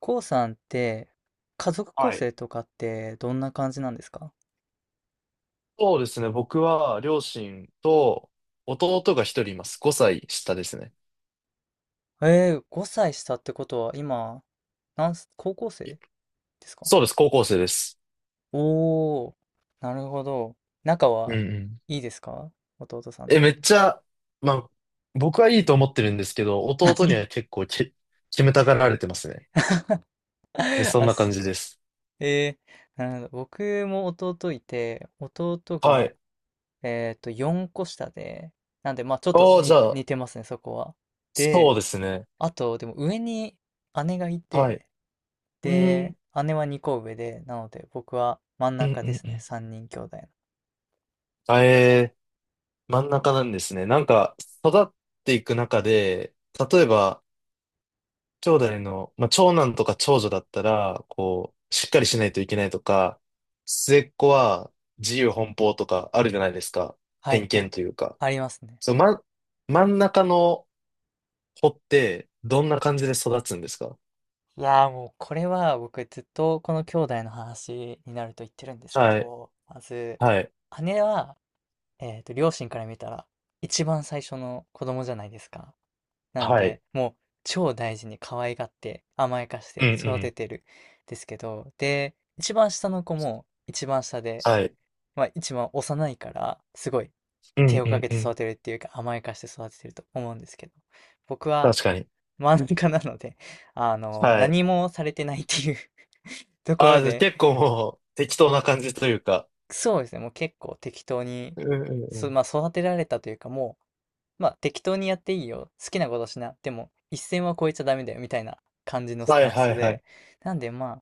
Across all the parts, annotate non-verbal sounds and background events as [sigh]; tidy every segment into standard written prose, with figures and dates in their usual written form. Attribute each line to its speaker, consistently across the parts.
Speaker 1: こうさんって、家族構
Speaker 2: はい。
Speaker 1: 成とかってどんな感じなんですか？
Speaker 2: そうですね。僕は両親と弟が一人います。5歳下ですね。
Speaker 1: 5歳下ってことは今、なんす、高校生
Speaker 2: え
Speaker 1: ですか？
Speaker 2: そうです。高校生です。
Speaker 1: おー、なるほど。仲
Speaker 2: うん
Speaker 1: は
Speaker 2: うん。
Speaker 1: いいですか、弟さんと？
Speaker 2: めっちゃ、まあ、僕はいいと思ってるんですけど、弟には結構決めたがられてますね。
Speaker 1: [laughs]
Speaker 2: そん
Speaker 1: あ
Speaker 2: な感
Speaker 1: す、
Speaker 2: じです。
Speaker 1: えー、なるほど。僕も弟いて、弟
Speaker 2: は
Speaker 1: が、
Speaker 2: い。
Speaker 1: 4個下で、なんで、まあちょっと
Speaker 2: ああ、じ
Speaker 1: に
Speaker 2: ゃあ、
Speaker 1: 似てますね、そこは。
Speaker 2: そう
Speaker 1: で、
Speaker 2: ですね。
Speaker 1: あと、でも上に姉がい
Speaker 2: はい。
Speaker 1: て、
Speaker 2: うー
Speaker 1: で、
Speaker 2: ん。
Speaker 1: 姉は2個上で、なので僕は真ん
Speaker 2: うん
Speaker 1: 中
Speaker 2: う
Speaker 1: で
Speaker 2: ん
Speaker 1: す
Speaker 2: う
Speaker 1: ね。
Speaker 2: ん。
Speaker 1: 3人兄弟の。
Speaker 2: あ、真ん中なんですね。なんか、育っていく中で、例えば、兄弟の、まあ、長男とか長女だったら、こう、しっかりしないといけないとか、末っ子は自由奔放とかあるじゃないですか。
Speaker 1: は
Speaker 2: 偏
Speaker 1: いは
Speaker 2: 見
Speaker 1: い。
Speaker 2: というか。
Speaker 1: ありますね。
Speaker 2: そう、ま、真ん中の子ってどんな感じで育つんですか？
Speaker 1: いやー、もうこれは僕ずっとこの兄弟の話になると言ってるんですけ
Speaker 2: はい、
Speaker 1: ど、まず、
Speaker 2: はい、
Speaker 1: 姉は、両親から見たら一番最初の子供じゃないですか。なの
Speaker 2: はい。
Speaker 1: で、もう超大事に可愛がって甘やかし
Speaker 2: うん
Speaker 1: て
Speaker 2: う
Speaker 1: 育て
Speaker 2: ん。
Speaker 1: てるんですけど、で、一番下の子も一番下で、
Speaker 2: はい。
Speaker 1: まあ一番幼いからすごい
Speaker 2: う
Speaker 1: 手
Speaker 2: ん
Speaker 1: を
Speaker 2: う
Speaker 1: か
Speaker 2: ん
Speaker 1: け
Speaker 2: う
Speaker 1: て育
Speaker 2: ん。
Speaker 1: てるっていうか甘やかして育ててると思うんですけど、僕は
Speaker 2: 確かに。
Speaker 1: 真ん中なので、 [laughs]
Speaker 2: はい。
Speaker 1: 何もされてないっていう [laughs] とこ
Speaker 2: あ
Speaker 1: ろ
Speaker 2: あ、じゃあ
Speaker 1: で。
Speaker 2: 結構もう適当な感じというか。
Speaker 1: そうですね、もう結構適当に、
Speaker 2: うんうんうん。
Speaker 1: まあ、育てられたというか、もう、まあ、適当にやっていいよ、好きなことしな、でも一線は越えちゃダメだよみたいな感じのス
Speaker 2: は
Speaker 1: タ
Speaker 2: い
Speaker 1: ン
Speaker 2: は
Speaker 1: ス
Speaker 2: いはい。
Speaker 1: で、なんでまあ、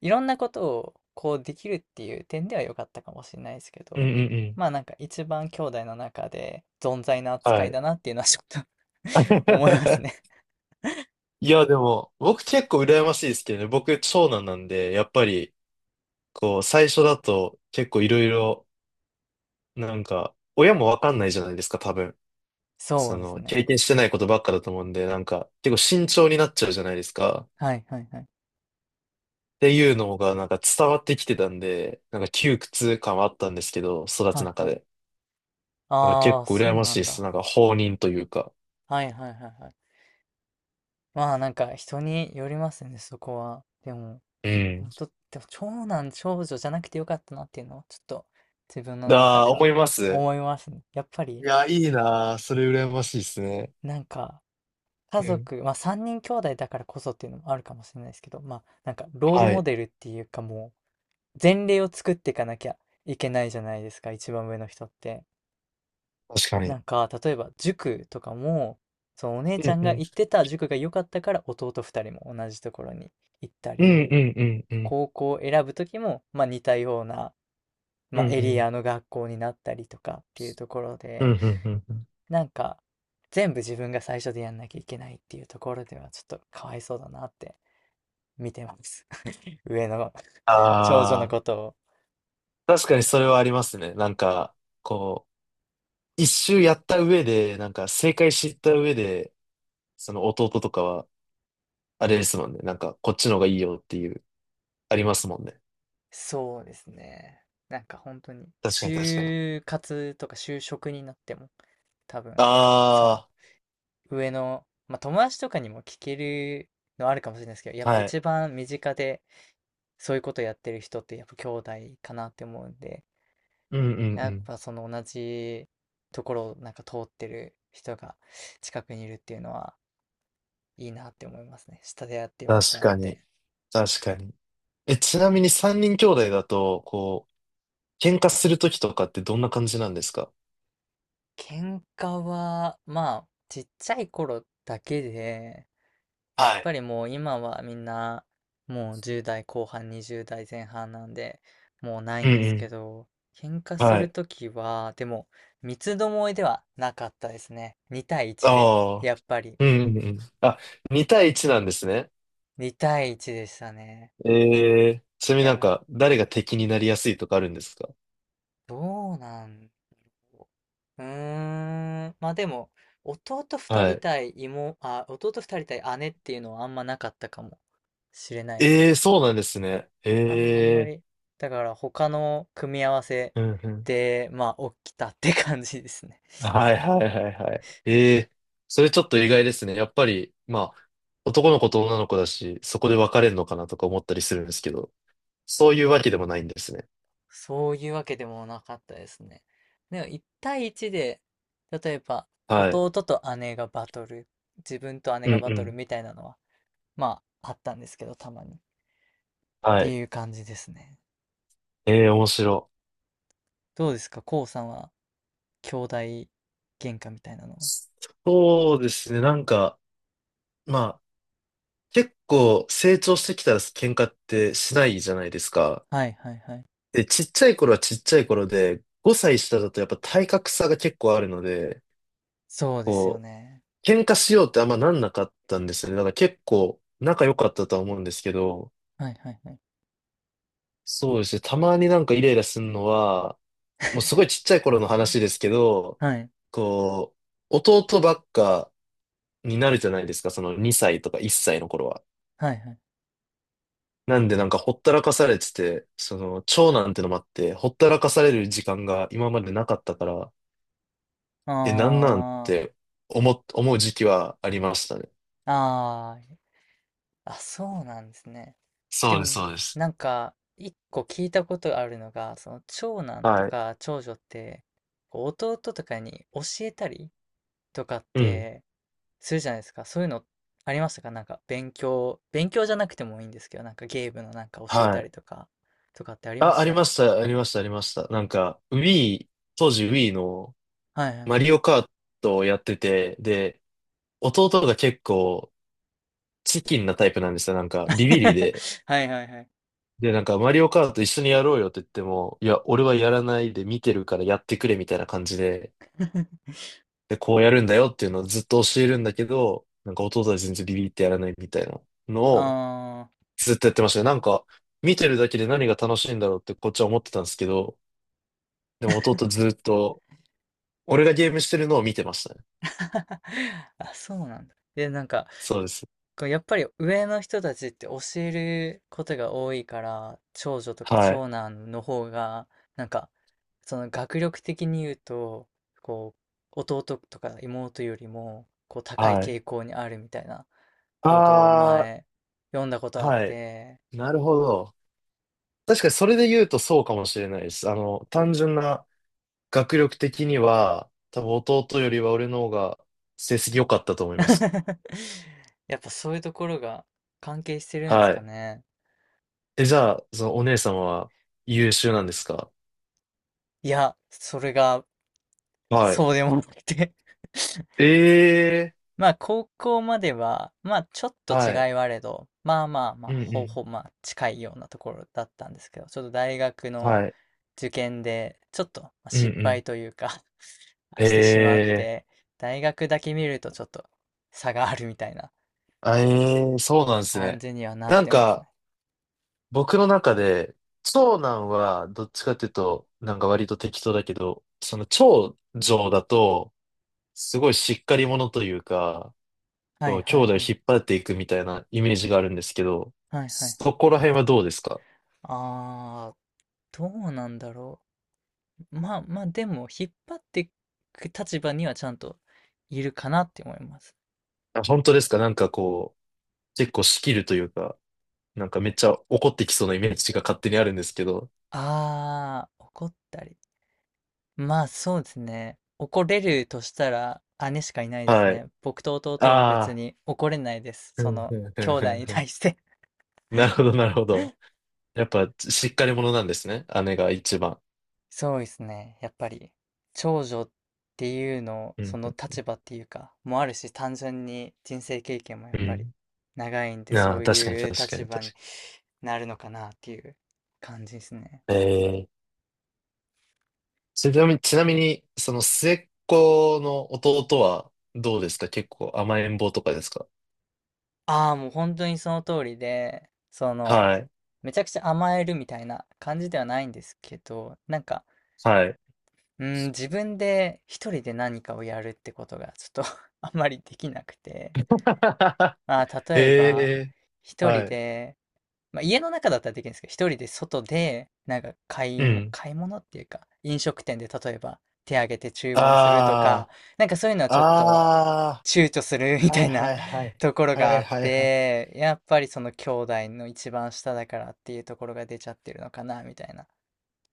Speaker 1: いろんなことをこうできるっていう点では良かったかもしれないですけ
Speaker 2: うん
Speaker 1: ど、
Speaker 2: うんうん。
Speaker 1: まあなんか一番兄弟の中で存在な
Speaker 2: は
Speaker 1: 扱い
Speaker 2: い。
Speaker 1: だなっていうのはちょっと、 [laughs] 思いますね。
Speaker 2: [laughs] いや、でも、僕結構羨ましいですけどね。僕、長男なんで、やっぱり、こう、最初だと結構いろいろ、なんか、親もわかんないじゃないですか、多分。
Speaker 1: そ
Speaker 2: そ
Speaker 1: うです
Speaker 2: の、経
Speaker 1: ね。
Speaker 2: 験してないことばっかだと思うんで、なんか、結構慎重になっちゃうじゃないですか。っ
Speaker 1: はいはいはい。
Speaker 2: ていうのが、なんか伝わってきてたんで、なんか窮屈感はあったんですけど、育
Speaker 1: は
Speaker 2: つ
Speaker 1: い
Speaker 2: 中
Speaker 1: はい。
Speaker 2: で。なんか
Speaker 1: あ
Speaker 2: 結
Speaker 1: あ、
Speaker 2: 構羨
Speaker 1: そう
Speaker 2: ま
Speaker 1: な
Speaker 2: しい
Speaker 1: ん
Speaker 2: です。
Speaker 1: だ。
Speaker 2: なんか、放任というか。
Speaker 1: はいはいはいはい。まあなんか人によりますね、そこは。でも、
Speaker 2: うん。
Speaker 1: 本当、でも長男長女じゃなくてよかったなっていうのをちょっと自分の中
Speaker 2: あ
Speaker 1: で
Speaker 2: あ、思
Speaker 1: は
Speaker 2: います。
Speaker 1: 思いますね。やっぱ
Speaker 2: い
Speaker 1: り、
Speaker 2: や、いいなー。それ羨ましいですね。
Speaker 1: なんか家
Speaker 2: うん。
Speaker 1: 族、まあ3人兄弟だからこそっていうのもあるかもしれないですけど、まあなんかロール
Speaker 2: は
Speaker 1: モ
Speaker 2: い。
Speaker 1: デルっていうか、もう前例を作っていかなきゃいけないじゃないですか、一番上の人って。
Speaker 2: 確か
Speaker 1: な
Speaker 2: に。
Speaker 1: んか例えば塾とかも、そのお姉
Speaker 2: う
Speaker 1: ちゃ
Speaker 2: ん
Speaker 1: ん
Speaker 2: う
Speaker 1: が
Speaker 2: ん
Speaker 1: 行ってた塾が良かったから弟2人も同じところに行った
Speaker 2: うん
Speaker 1: り、
Speaker 2: うんうんうん。
Speaker 1: 高校を選ぶ時も、まあ似たような、
Speaker 2: うん
Speaker 1: まあ
Speaker 2: う
Speaker 1: エリ
Speaker 2: ん。
Speaker 1: アの学校になったりとかっていうところ
Speaker 2: うん
Speaker 1: で、
Speaker 2: うんうんうん。
Speaker 1: なんか全部自分が最初でやんなきゃいけないっていうところではちょっとかわいそうだなって見てます。[laughs] 上の [laughs] 長女の
Speaker 2: あ
Speaker 1: ことを。
Speaker 2: あ、確かにそれはありますね。なんか、こう、一周やった上で、なんか正解知った上で、その弟とかは、あれですもんね。なんか、こっちの方がいいよっていう、ありますもんね。
Speaker 1: そうですね。なんか本当に、
Speaker 2: 確かに確かに。
Speaker 1: 就活とか就職になっても、多分、その、
Speaker 2: あ
Speaker 1: 上の、まあ友達とかにも聞けるのあるかもしれないですけど、やっ
Speaker 2: あ、
Speaker 1: ぱ
Speaker 2: はい。
Speaker 1: 一番身近でそういうことやってる人ってやっぱ兄弟かなって思うんで、
Speaker 2: うんうんう
Speaker 1: やっ
Speaker 2: ん。
Speaker 1: ぱその同じところをなんか通ってる人が近くにいるっていうのはいいなって思いますね。下でやってよかっ
Speaker 2: 確
Speaker 1: たなっ
Speaker 2: か
Speaker 1: て。
Speaker 2: に、確かに。ちなみに三人兄弟だと、こう、喧嘩するときとかってどんな感じなんですか？
Speaker 1: 喧嘩は、まあ、ちっちゃい頃だけで、やっ
Speaker 2: は
Speaker 1: ぱ
Speaker 2: い。
Speaker 1: りもう今はみんな、もう10代後半、20代前半なんで、もうない
Speaker 2: うん
Speaker 1: んで
Speaker 2: う
Speaker 1: すけ
Speaker 2: ん。
Speaker 1: ど、喧嘩す
Speaker 2: は
Speaker 1: る
Speaker 2: い。
Speaker 1: ときは、でも、三つどもえではなかったですね。2対1で、
Speaker 2: ああ。
Speaker 1: やっぱり、
Speaker 2: うんうんうん。あ、2対1なんですね。
Speaker 1: 2対1でしたね。
Speaker 2: ええ。ちなみ
Speaker 1: い
Speaker 2: になん
Speaker 1: や、
Speaker 2: か、誰が敵になりやすいとかあるんですか？
Speaker 1: どうなんうーん、まあでも、弟2
Speaker 2: は
Speaker 1: 人
Speaker 2: い。
Speaker 1: 対妹、あ、弟2人対姉っていうのはあんまなかったかもしれないです
Speaker 2: ええ。
Speaker 1: ね。
Speaker 2: そうなんですね。
Speaker 1: あ、あんま
Speaker 2: え
Speaker 1: り。
Speaker 2: え。
Speaker 1: だから他の組み合わせ
Speaker 2: うんうん。
Speaker 1: で、まあ、起きたって感じですね。
Speaker 2: はいはいはいはい。ええ。それちょっと意外ですね。やっぱり、まあ、男の子と女の子だし、そこで別れるのかなとか思ったりするんですけど、そういうわけでもないんですね。
Speaker 1: [laughs] そういうわけでもなかったですね。でも1対1で、例えば
Speaker 2: はい。
Speaker 1: 弟と姉がバトル、自分と姉
Speaker 2: う
Speaker 1: が
Speaker 2: ん
Speaker 1: バ
Speaker 2: う
Speaker 1: トル
Speaker 2: ん。
Speaker 1: みたいなのは、まあ、あったんですけど、たまに。っ
Speaker 2: は
Speaker 1: て
Speaker 2: い。
Speaker 1: いう感じですね。
Speaker 2: ええ、面白
Speaker 1: どうですか、こうさんは兄弟喧嘩みたいなの？
Speaker 2: い。そうですね。なんか、まあ結構成長してきたら喧嘩ってしないじゃないですか。
Speaker 1: はいはいはい。
Speaker 2: で、ちっちゃい頃はちっちゃい頃で、5歳下だとやっぱ体格差が結構あるので、
Speaker 1: そうですよ
Speaker 2: こ
Speaker 1: ね。
Speaker 2: う、喧嘩しようってあんまなんなかったんですよね。だから結構仲良かったとは思うんですけど、
Speaker 1: はいはいはい。
Speaker 2: そうですね。たまになんかイライラするのは、もうすごいちっちゃい頃の話ですけど、
Speaker 1: はい
Speaker 2: こう、弟ばっかになるじゃないですか。その2歳とか1歳の頃は。
Speaker 1: はいはい。
Speaker 2: なんでなんかほったらかされてて、その長男ってのもあって、ほったらかされる時間が今までなかったから、なんなんっ
Speaker 1: あー。
Speaker 2: て思う時期はありましたね。
Speaker 1: ああ、あ、そうなんですね。
Speaker 2: そ
Speaker 1: で
Speaker 2: うです、
Speaker 1: も、
Speaker 2: そうです。
Speaker 1: なんか、一個聞いたことあるのが、その長男と
Speaker 2: はい。
Speaker 1: か長女って、こう弟とかに教えたりとかっ
Speaker 2: うん。
Speaker 1: てするじゃないですか。そういうのありましたか？なんか勉強じゃなくてもいいんですけど、なんかゲームのなんか教え
Speaker 2: は
Speaker 1: た
Speaker 2: い。
Speaker 1: りとか、とかってありま
Speaker 2: あ、
Speaker 1: し
Speaker 2: ありま
Speaker 1: た？
Speaker 2: した、ありました、ありました。なんか、Wii、当時 Wii の
Speaker 1: はいは
Speaker 2: マ
Speaker 1: い。
Speaker 2: リオカートをやってて、で、弟が結構チキンなタイプなんですよ。なんか、ビビリ
Speaker 1: [laughs]
Speaker 2: で。
Speaker 1: はいはいはい。
Speaker 2: で、なんか、マリオカート一緒にやろうよって言っても、いや、俺はやらないで見てるからやってくれみたいな感じで、で、こうやるんだよっていうのをずっと教えるんだけど、なんか弟は全然ビビってやらないみたいなのを
Speaker 1: あー
Speaker 2: ずっとやってましたね。なんか、見てるだけで何が楽しいんだろうってこっちは思ってたんですけど、でも弟ずっと、俺がゲームしてるのを見てましたね。
Speaker 1: [laughs] あ、そうなんだ。で、なんか、
Speaker 2: そうです。
Speaker 1: こうやっぱり上の人たちって教えることが多いから、長女とか
Speaker 2: はい。
Speaker 1: 長男の方が、なんか、その学力的に言うと、こう、弟とか妹よりも、こう、高い
Speaker 2: はい。
Speaker 1: 傾向にあるみたいなことを
Speaker 2: あ
Speaker 1: 前、読んだこ
Speaker 2: ー、
Speaker 1: とあっ
Speaker 2: はい。
Speaker 1: て、
Speaker 2: なるほど。確かにそれで言うとそうかもしれないです。あの、単純な学力的には、多分弟よりは俺の方が成績良かったと思います。
Speaker 1: [laughs]、やっぱそういうところが関係してるんです
Speaker 2: は
Speaker 1: か
Speaker 2: い。
Speaker 1: ね。
Speaker 2: じゃあ、そのお姉さんは優秀なんですか？
Speaker 1: いや、それが、
Speaker 2: はい。
Speaker 1: そうでもなくて、 [laughs]
Speaker 2: ええ。
Speaker 1: まあ、高校までは、まあ、ちょっと違い
Speaker 2: はい。
Speaker 1: はあれど、まあまあまあ、
Speaker 2: うんう
Speaker 1: ほ
Speaker 2: ん。
Speaker 1: ぼまあ、近いようなところだったんですけど、ちょっと大学の
Speaker 2: はい。
Speaker 1: 受験で、ちょっとまあ
Speaker 2: うんう
Speaker 1: 失
Speaker 2: ん。
Speaker 1: 敗というか、 [laughs] してしまっ
Speaker 2: ええ。
Speaker 1: て、大学だけ見るとちょっと差があるみたいな
Speaker 2: あ、えー、そうなんです
Speaker 1: 感
Speaker 2: ね。
Speaker 1: じにはなっ
Speaker 2: なん
Speaker 1: てます
Speaker 2: か、
Speaker 1: ね。
Speaker 2: 僕の中で、長男はどっちかっていうと、なんか割と適当だけど、その長女だと、すごいしっかり者というか、
Speaker 1: は
Speaker 2: こ
Speaker 1: い
Speaker 2: う、兄
Speaker 1: はい
Speaker 2: 弟を
Speaker 1: はい。
Speaker 2: 引っ張っていくみたいなイメージがあるんですけど、
Speaker 1: はいはいは
Speaker 2: そ
Speaker 1: い。
Speaker 2: こら辺はどうですか？
Speaker 1: あー、どうなんだろう。まあまあ、でも、引っ張っていく立場にはちゃんといるかなって思います。
Speaker 2: あ、本当ですか？なんかこう、結構仕切るというか。なんかめっちゃ怒ってきそうなイメージが勝手にあるんですけど。
Speaker 1: ああ、怒ったり。まあそうですね。怒れるとしたら姉しかいないです
Speaker 2: はい。
Speaker 1: ね。僕と弟は別
Speaker 2: ああ。
Speaker 1: に怒れないです。
Speaker 2: ふ
Speaker 1: そ
Speaker 2: ん
Speaker 1: の
Speaker 2: ふんふ
Speaker 1: 兄
Speaker 2: んふ
Speaker 1: 弟
Speaker 2: ん
Speaker 1: に
Speaker 2: ふん。
Speaker 1: 対して。
Speaker 2: なるほど、なるほど。やっぱ、しっかり者なんですね。姉が一番。
Speaker 1: [laughs] そうですね。やっぱり長女っていうの、
Speaker 2: う
Speaker 1: そ
Speaker 2: ん。
Speaker 1: の立場っていうか、もあるし、単純に人生経験もや
Speaker 2: う
Speaker 1: っぱり
Speaker 2: ん。
Speaker 1: 長いんで、
Speaker 2: あ
Speaker 1: そ
Speaker 2: あ、
Speaker 1: う
Speaker 2: 確かに、
Speaker 1: いう
Speaker 2: 確か
Speaker 1: 立
Speaker 2: に、
Speaker 1: 場に
Speaker 2: 確
Speaker 1: なるのかなっていう感じですね。
Speaker 2: かに。ええ。ちなみに、ちなみに、その末っ子の弟はどうですか？結構甘えん坊とかですか？
Speaker 1: ああ、もう本当にその通りで、
Speaker 2: はい。
Speaker 1: めちゃくちゃ甘えるみたいな感じではないんですけど、なんか、
Speaker 2: はい。
Speaker 1: うん、自分で一人で何かをやるってことがちょっと [laughs] あんまりできなくて、
Speaker 2: [laughs]
Speaker 1: まあ、
Speaker 2: え
Speaker 1: 例えば、
Speaker 2: え。
Speaker 1: 一人
Speaker 2: はい。
Speaker 1: で、まあ、家の中だったらできるんですけど、一人で外で、なんか
Speaker 2: うん。
Speaker 1: 買い物っていうか、飲食店で例えば手挙げて注文するとか、
Speaker 2: あ
Speaker 1: なんかそういうのは
Speaker 2: あ、
Speaker 1: ちょっと
Speaker 2: あ
Speaker 1: 躊躇する [laughs] み
Speaker 2: あ、は
Speaker 1: た
Speaker 2: い
Speaker 1: い
Speaker 2: は
Speaker 1: な
Speaker 2: いは
Speaker 1: [laughs]
Speaker 2: い。
Speaker 1: ところ
Speaker 2: は
Speaker 1: があ
Speaker 2: い
Speaker 1: っ
Speaker 2: はいはい。
Speaker 1: て、やっぱりその兄弟の一番下だからっていうところが出ちゃってるのかな、みたいな。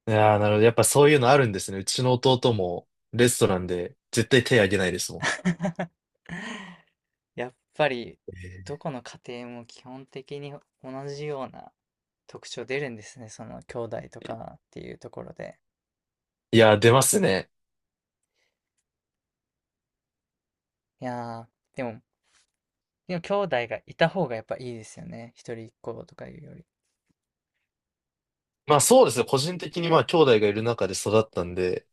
Speaker 2: いやー、なるほど。やっぱそういうのあるんですね。うちの弟もレストランで絶対手あげないですも
Speaker 1: やっぱり、ど
Speaker 2: ん。
Speaker 1: この家庭も基本的に同じような特徴出るんですね。その兄弟とかっていうところで。
Speaker 2: いやー、出ますね。
Speaker 1: いやー、でも兄弟がいた方がやっぱいいですよね。一人っ子とかいうより。
Speaker 2: まあそうですね。個人的にまあ兄弟がいる中で育ったんで、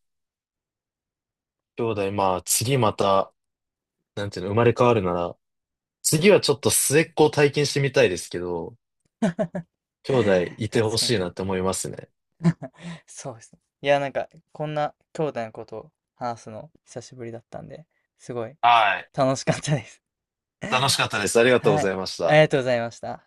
Speaker 2: 兄弟まあ次また、なんていうの、生まれ変わるなら、次はちょっと末っ子を体験してみたいですけど、
Speaker 1: [laughs]
Speaker 2: 兄弟いて
Speaker 1: 確
Speaker 2: ほ
Speaker 1: かに
Speaker 2: し
Speaker 1: 確
Speaker 2: い
Speaker 1: か
Speaker 2: な
Speaker 1: に。
Speaker 2: って思いますね。
Speaker 1: そうですね。いやー、なんか、こんな兄弟のことを話すの久しぶりだったんで、すごい
Speaker 2: はい。
Speaker 1: 楽しかったです。
Speaker 2: 楽しかったです。ありがとうご
Speaker 1: はい。
Speaker 2: ざいまし
Speaker 1: あり
Speaker 2: た。
Speaker 1: がとうございました。